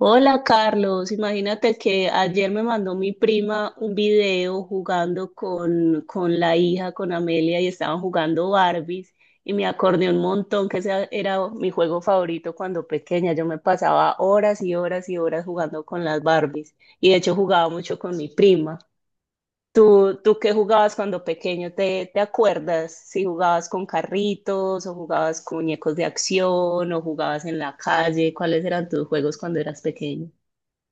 Hola Carlos, imagínate que ayer me mandó mi prima un video jugando con la hija, con Amelia, y estaban jugando Barbies, y me acordé un montón que ese era mi juego favorito cuando pequeña. Yo me pasaba horas y horas y horas jugando con las Barbies, y de hecho jugaba mucho con mi prima. ¿Tú qué jugabas cuando pequeño? ¿Te acuerdas? Si jugabas con carritos, o jugabas con muñecos de acción, o jugabas en la calle, ¿cuáles eran tus juegos cuando eras pequeño?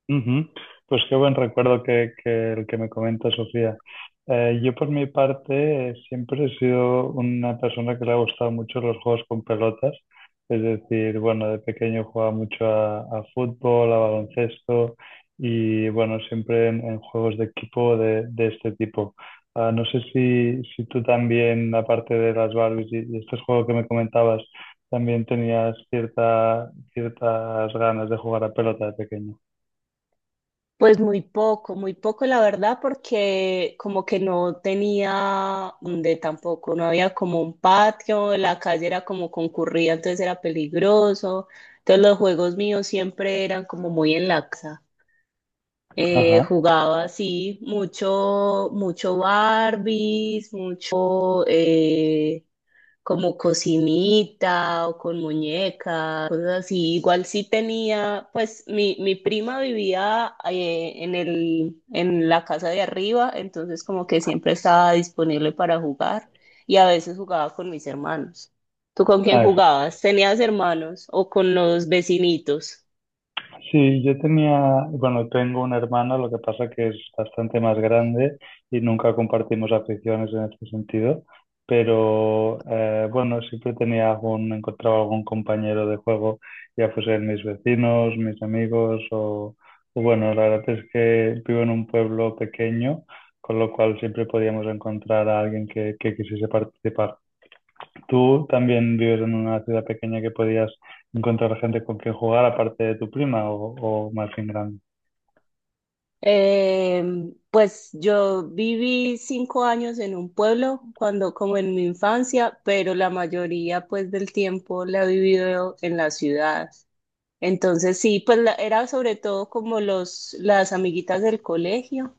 Ujú. Pues qué buen recuerdo que el que me comenta Sofía. Yo por mi parte siempre he sido una persona que le ha gustado mucho los juegos con pelotas. Es decir, bueno, de pequeño jugaba mucho a fútbol, a baloncesto y bueno, siempre en juegos de equipo de este tipo. No sé si tú también, aparte de las Barbies y este juego que me comentabas, también tenías ciertas ganas de jugar a pelota de pequeño. Pues muy poco la verdad, porque como que no tenía donde tampoco, no había como un patio, la calle era como concurrida, entonces era peligroso. Entonces los juegos míos siempre eran como muy en la casa. Ajá. Jugaba así, mucho, mucho Barbies, mucho, como cocinita o con muñecas, cosas así. Igual sí tenía, pues mi prima vivía en en la casa de arriba, entonces como que siempre estaba disponible para jugar y a veces jugaba con mis hermanos. ¿Tú con A quién ver, jugabas? ¿Tenías hermanos o con los vecinitos? sí, yo tenía, bueno, tengo una hermana lo que pasa que es bastante más grande y nunca compartimos aficiones en este sentido, pero bueno, siempre tenía algún, encontraba algún compañero de juego, ya fuesen mis vecinos, mis amigos o bueno, la verdad es que vivo en un pueblo pequeño, con lo cual siempre podíamos encontrar a alguien que quisiese participar. Tú también vives en una ciudad pequeña que podías encontrar gente con quien jugar aparte de tu prima o más bien grande. Pues yo viví 5 años en un pueblo cuando como en mi infancia, pero la mayoría pues del tiempo la he vivido en la ciudad. Entonces sí, pues era sobre todo como los las amiguitas del colegio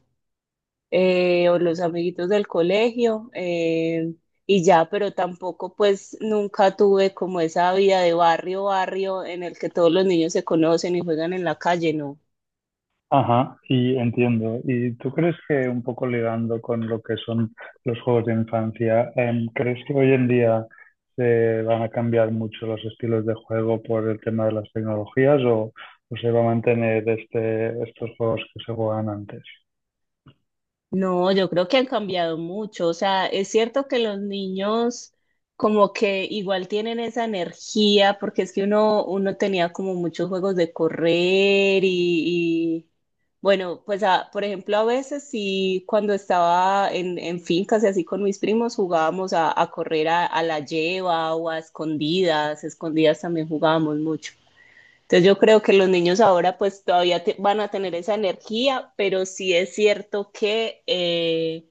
o los amiguitos del colegio y ya, pero tampoco pues nunca tuve como esa vida de barrio, barrio en el que todos los niños se conocen y juegan en la calle, no. Ajá, y entiendo. ¿Y tú crees que un poco ligando con lo que son los juegos de infancia, crees que hoy en día se van a cambiar mucho los estilos de juego por el tema de las tecnologías o se va a mantener estos juegos que se jugaban antes? No, yo creo que han cambiado mucho. O sea, es cierto que los niños como que igual tienen esa energía, porque es que uno tenía como muchos juegos de correr bueno, pues por ejemplo, a veces sí, cuando estaba en fincas y así con mis primos jugábamos a correr a la lleva o a escondidas, escondidas también jugábamos mucho. Entonces yo creo que los niños ahora pues todavía van a tener esa energía, pero sí es cierto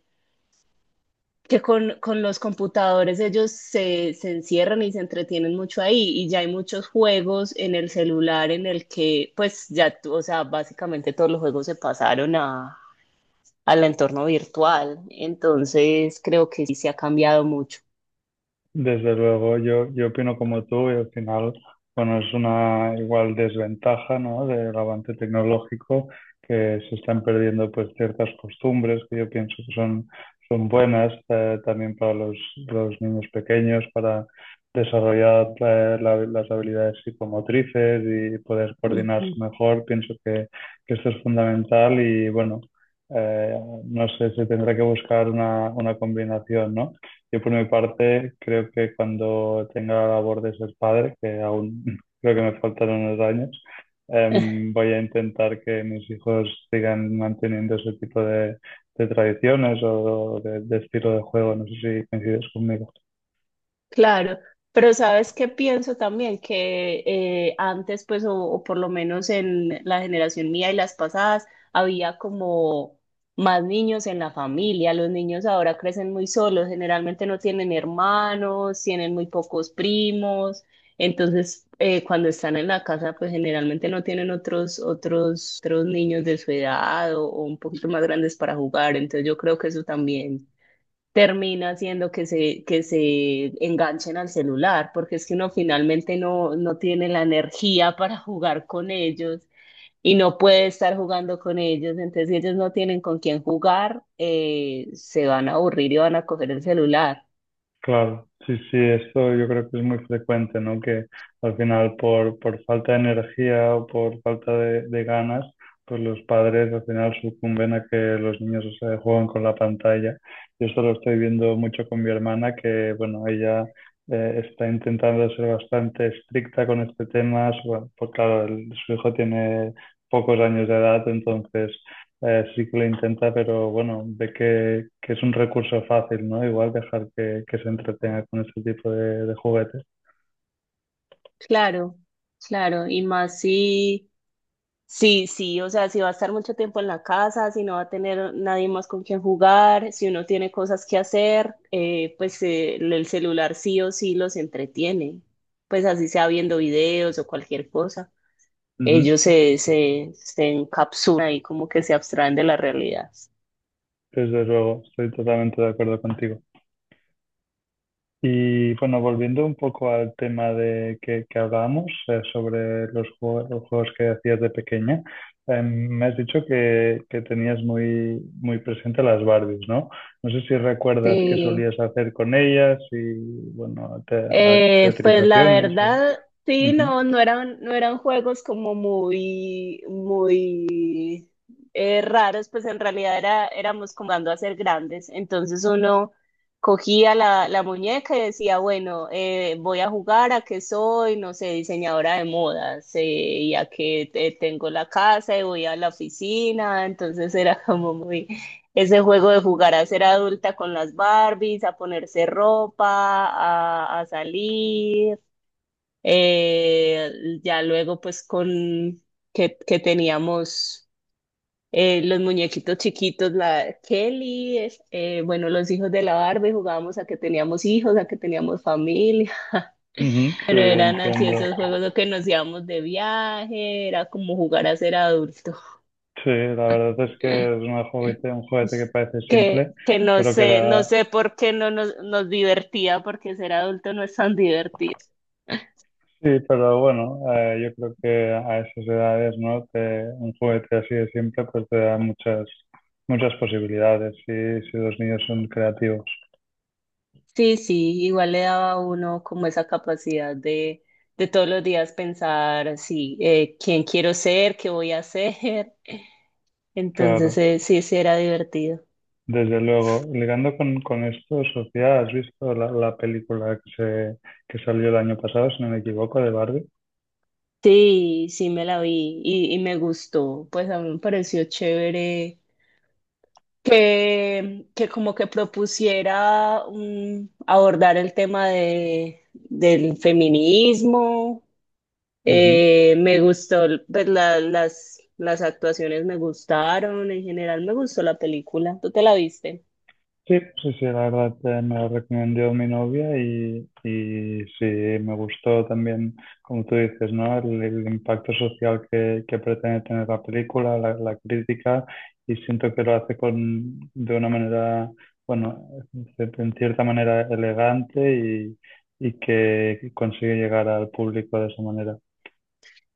que con los computadores ellos se encierran y se entretienen mucho ahí y ya hay muchos juegos en el celular en el que pues ya, o sea, básicamente todos los juegos se pasaron a, al entorno virtual. Entonces creo que sí se ha cambiado mucho. Desde luego, yo opino como tú y al final, bueno, es una igual desventaja, ¿no? Del avance tecnológico que se están perdiendo pues ciertas costumbres que yo pienso que son buenas también para los niños pequeños, para desarrollar las habilidades psicomotrices y poder coordinarse mejor. Pienso que esto es fundamental y bueno, eh, no sé, se tendrá que buscar una combinación, ¿no? Yo por mi parte creo que cuando tenga la labor de ser padre, que aún creo que me faltan unos años, voy a intentar que mis hijos sigan manteniendo ese tipo de tradiciones o de estilo de juego. No sé si coincides conmigo. Claro, pero sabes qué pienso también que antes, pues, o por lo menos en la generación mía y las pasadas, había como más niños en la familia. Los niños ahora crecen muy solos, generalmente no tienen hermanos, tienen muy pocos primos. Entonces, cuando están en la casa, pues generalmente no tienen otros niños de su edad o un poquito más grandes para jugar. Entonces, yo creo que eso también termina haciendo que que se enganchen al celular, porque es que uno finalmente no tiene la energía para jugar con ellos y no puede estar jugando con ellos, entonces si ellos no tienen con quién jugar, se van a aburrir y van a coger el celular. Claro, sí, sí, esto yo creo que es muy frecuente, ¿no? Que al final por falta de energía o por falta de ganas, pues los padres al final sucumben a que los niños se juegan con la pantalla. Yo esto lo estoy viendo mucho con mi hermana, que bueno, ella está intentando ser bastante estricta con este tema, bueno, pues claro, su hijo tiene pocos años de edad, entonces sí que lo intenta, pero bueno, ve que es un recurso fácil, ¿no? Igual dejar que se entretenga con este tipo de juguetes. Claro, claro, y más si... Sí, sí, o sea, si va a estar mucho tiempo en la casa, si no va a tener nadie más con quien jugar, si uno tiene cosas que hacer, pues el celular sí o sí los entretiene, pues así sea viendo videos o cualquier cosa. Ujú. Ellos se encapsulan y como que se abstraen de la realidad. Desde luego, estoy totalmente de acuerdo contigo. Y bueno, volviendo un poco al tema de que hablábamos sobre los juegos que hacías de pequeña, me has dicho que tenías muy presente las Barbies, ¿no? No sé si recuerdas qué Sí. solías hacer con ellas y, bueno, te- a- Pues la teatrizaciones. O- verdad, sí, Ujú. No eran, no eran juegos como muy, muy raros, pues en realidad era, éramos comando a ser grandes. Entonces uno cogía la muñeca y decía, bueno, voy a jugar a que soy, no sé, diseñadora de modas, y a que tengo la casa y voy a la oficina. Entonces era como muy ese juego de jugar a ser adulta con las Barbies, a ponerse ropa, a salir, eh, ya luego pues con que teníamos los muñequitos chiquitos, la Kelly, bueno, los hijos de la Barbie, jugábamos a que teníamos hijos, a que teníamos familia, Ujú, sí, pero eran así entiendo. esos juegos los que nos íbamos de viaje, era como jugar a ser adulto. Sí, la verdad es que es una juguete, un juguete que parece Que, simple, que no pero que sé, no da... sé por qué no nos, nos divertía, porque ser adulto no es tan divertido. Sí, pero bueno, yo creo que a esas edades, ¿no? Te- un juguete así de simple, pues te da muchas posibilidades si los niños son creativos. Sí, sí, igual le daba a uno como esa capacidad de todos los días pensar, sí, quién quiero ser, qué voy a hacer. Entonces, Claro, sí, sí era divertido. desde luego. Ligando con esto, Sofía, ¿has visto la película que se, que salió el año pasado, si no me equivoco, de Barbie? Sí, sí me la vi y me gustó. Pues a mí me pareció chévere que como que propusiera abordar el tema de, del feminismo. Ujú. Me gustó, pues las actuaciones me gustaron, en general me gustó la película. ¿Tú te la viste? Sí, sí, sí, la verdad me la recomendó mi novia y sí, me gustó también, como tú dices, ¿no? El impacto social que pretende tener la película, la crítica, y siento que lo hace con, de una manera, bueno, en cierta manera elegante y que consigue llegar al público de esa manera.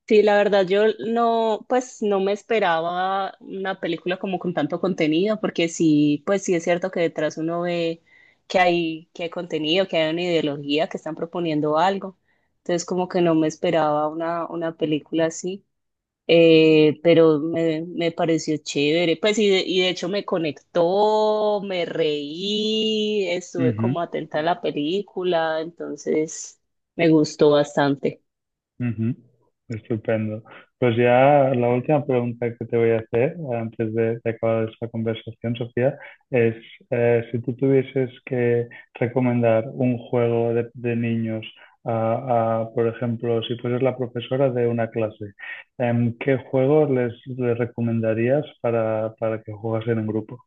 Sí, la verdad, yo no, pues no me esperaba una película como con tanto contenido, porque sí, pues sí es cierto que detrás uno ve que hay contenido, que hay una ideología, que están proponiendo algo. Entonces, como que no me esperaba una película así. Pero me pareció chévere. Pues y de hecho me conectó, me reí, estuve Ujú. como atenta a la película, entonces me gustó bastante. Ujú, estupendo. Pues ya la última pregunta que te voy a hacer antes de acabar esta conversación, Sofía, es si tú tuvieses que recomendar un juego de niños por ejemplo, si fueras la profesora de una clase, ¿qué juego les recomendarías para que jugasen en grupo?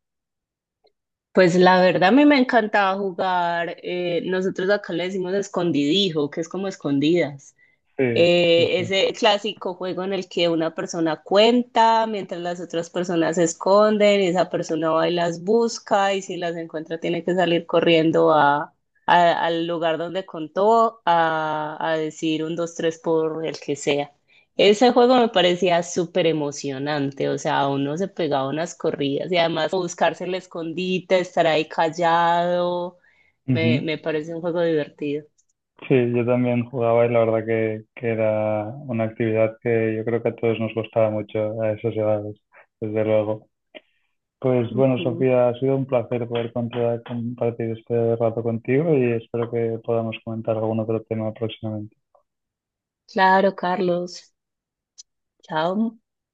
Pues la verdad a mí me encantaba jugar, nosotros acá le decimos escondidijo, que es como escondidas. Sí, sí, Ese clásico juego en el que una persona cuenta mientras las otras personas se esconden y esa persona va y las busca y si las encuentra tiene que salir corriendo a, al lugar donde contó a decir un, dos, tres por el que sea. Ese juego me parecía súper emocionante, o sea, uno se pegaba unas corridas y además buscarse el escondite, estar ahí callado, sí. me parece un juego divertido. Sí, yo también jugaba y la verdad que era una actividad que yo creo que a todos nos gustaba mucho a esas edades, desde luego. Pues bueno, Ujú. Sofía, ha sido un placer poder contar- compartir este rato contigo y espero que podamos comentar algún otro tema próximamente. Claro, Carlos. Chao.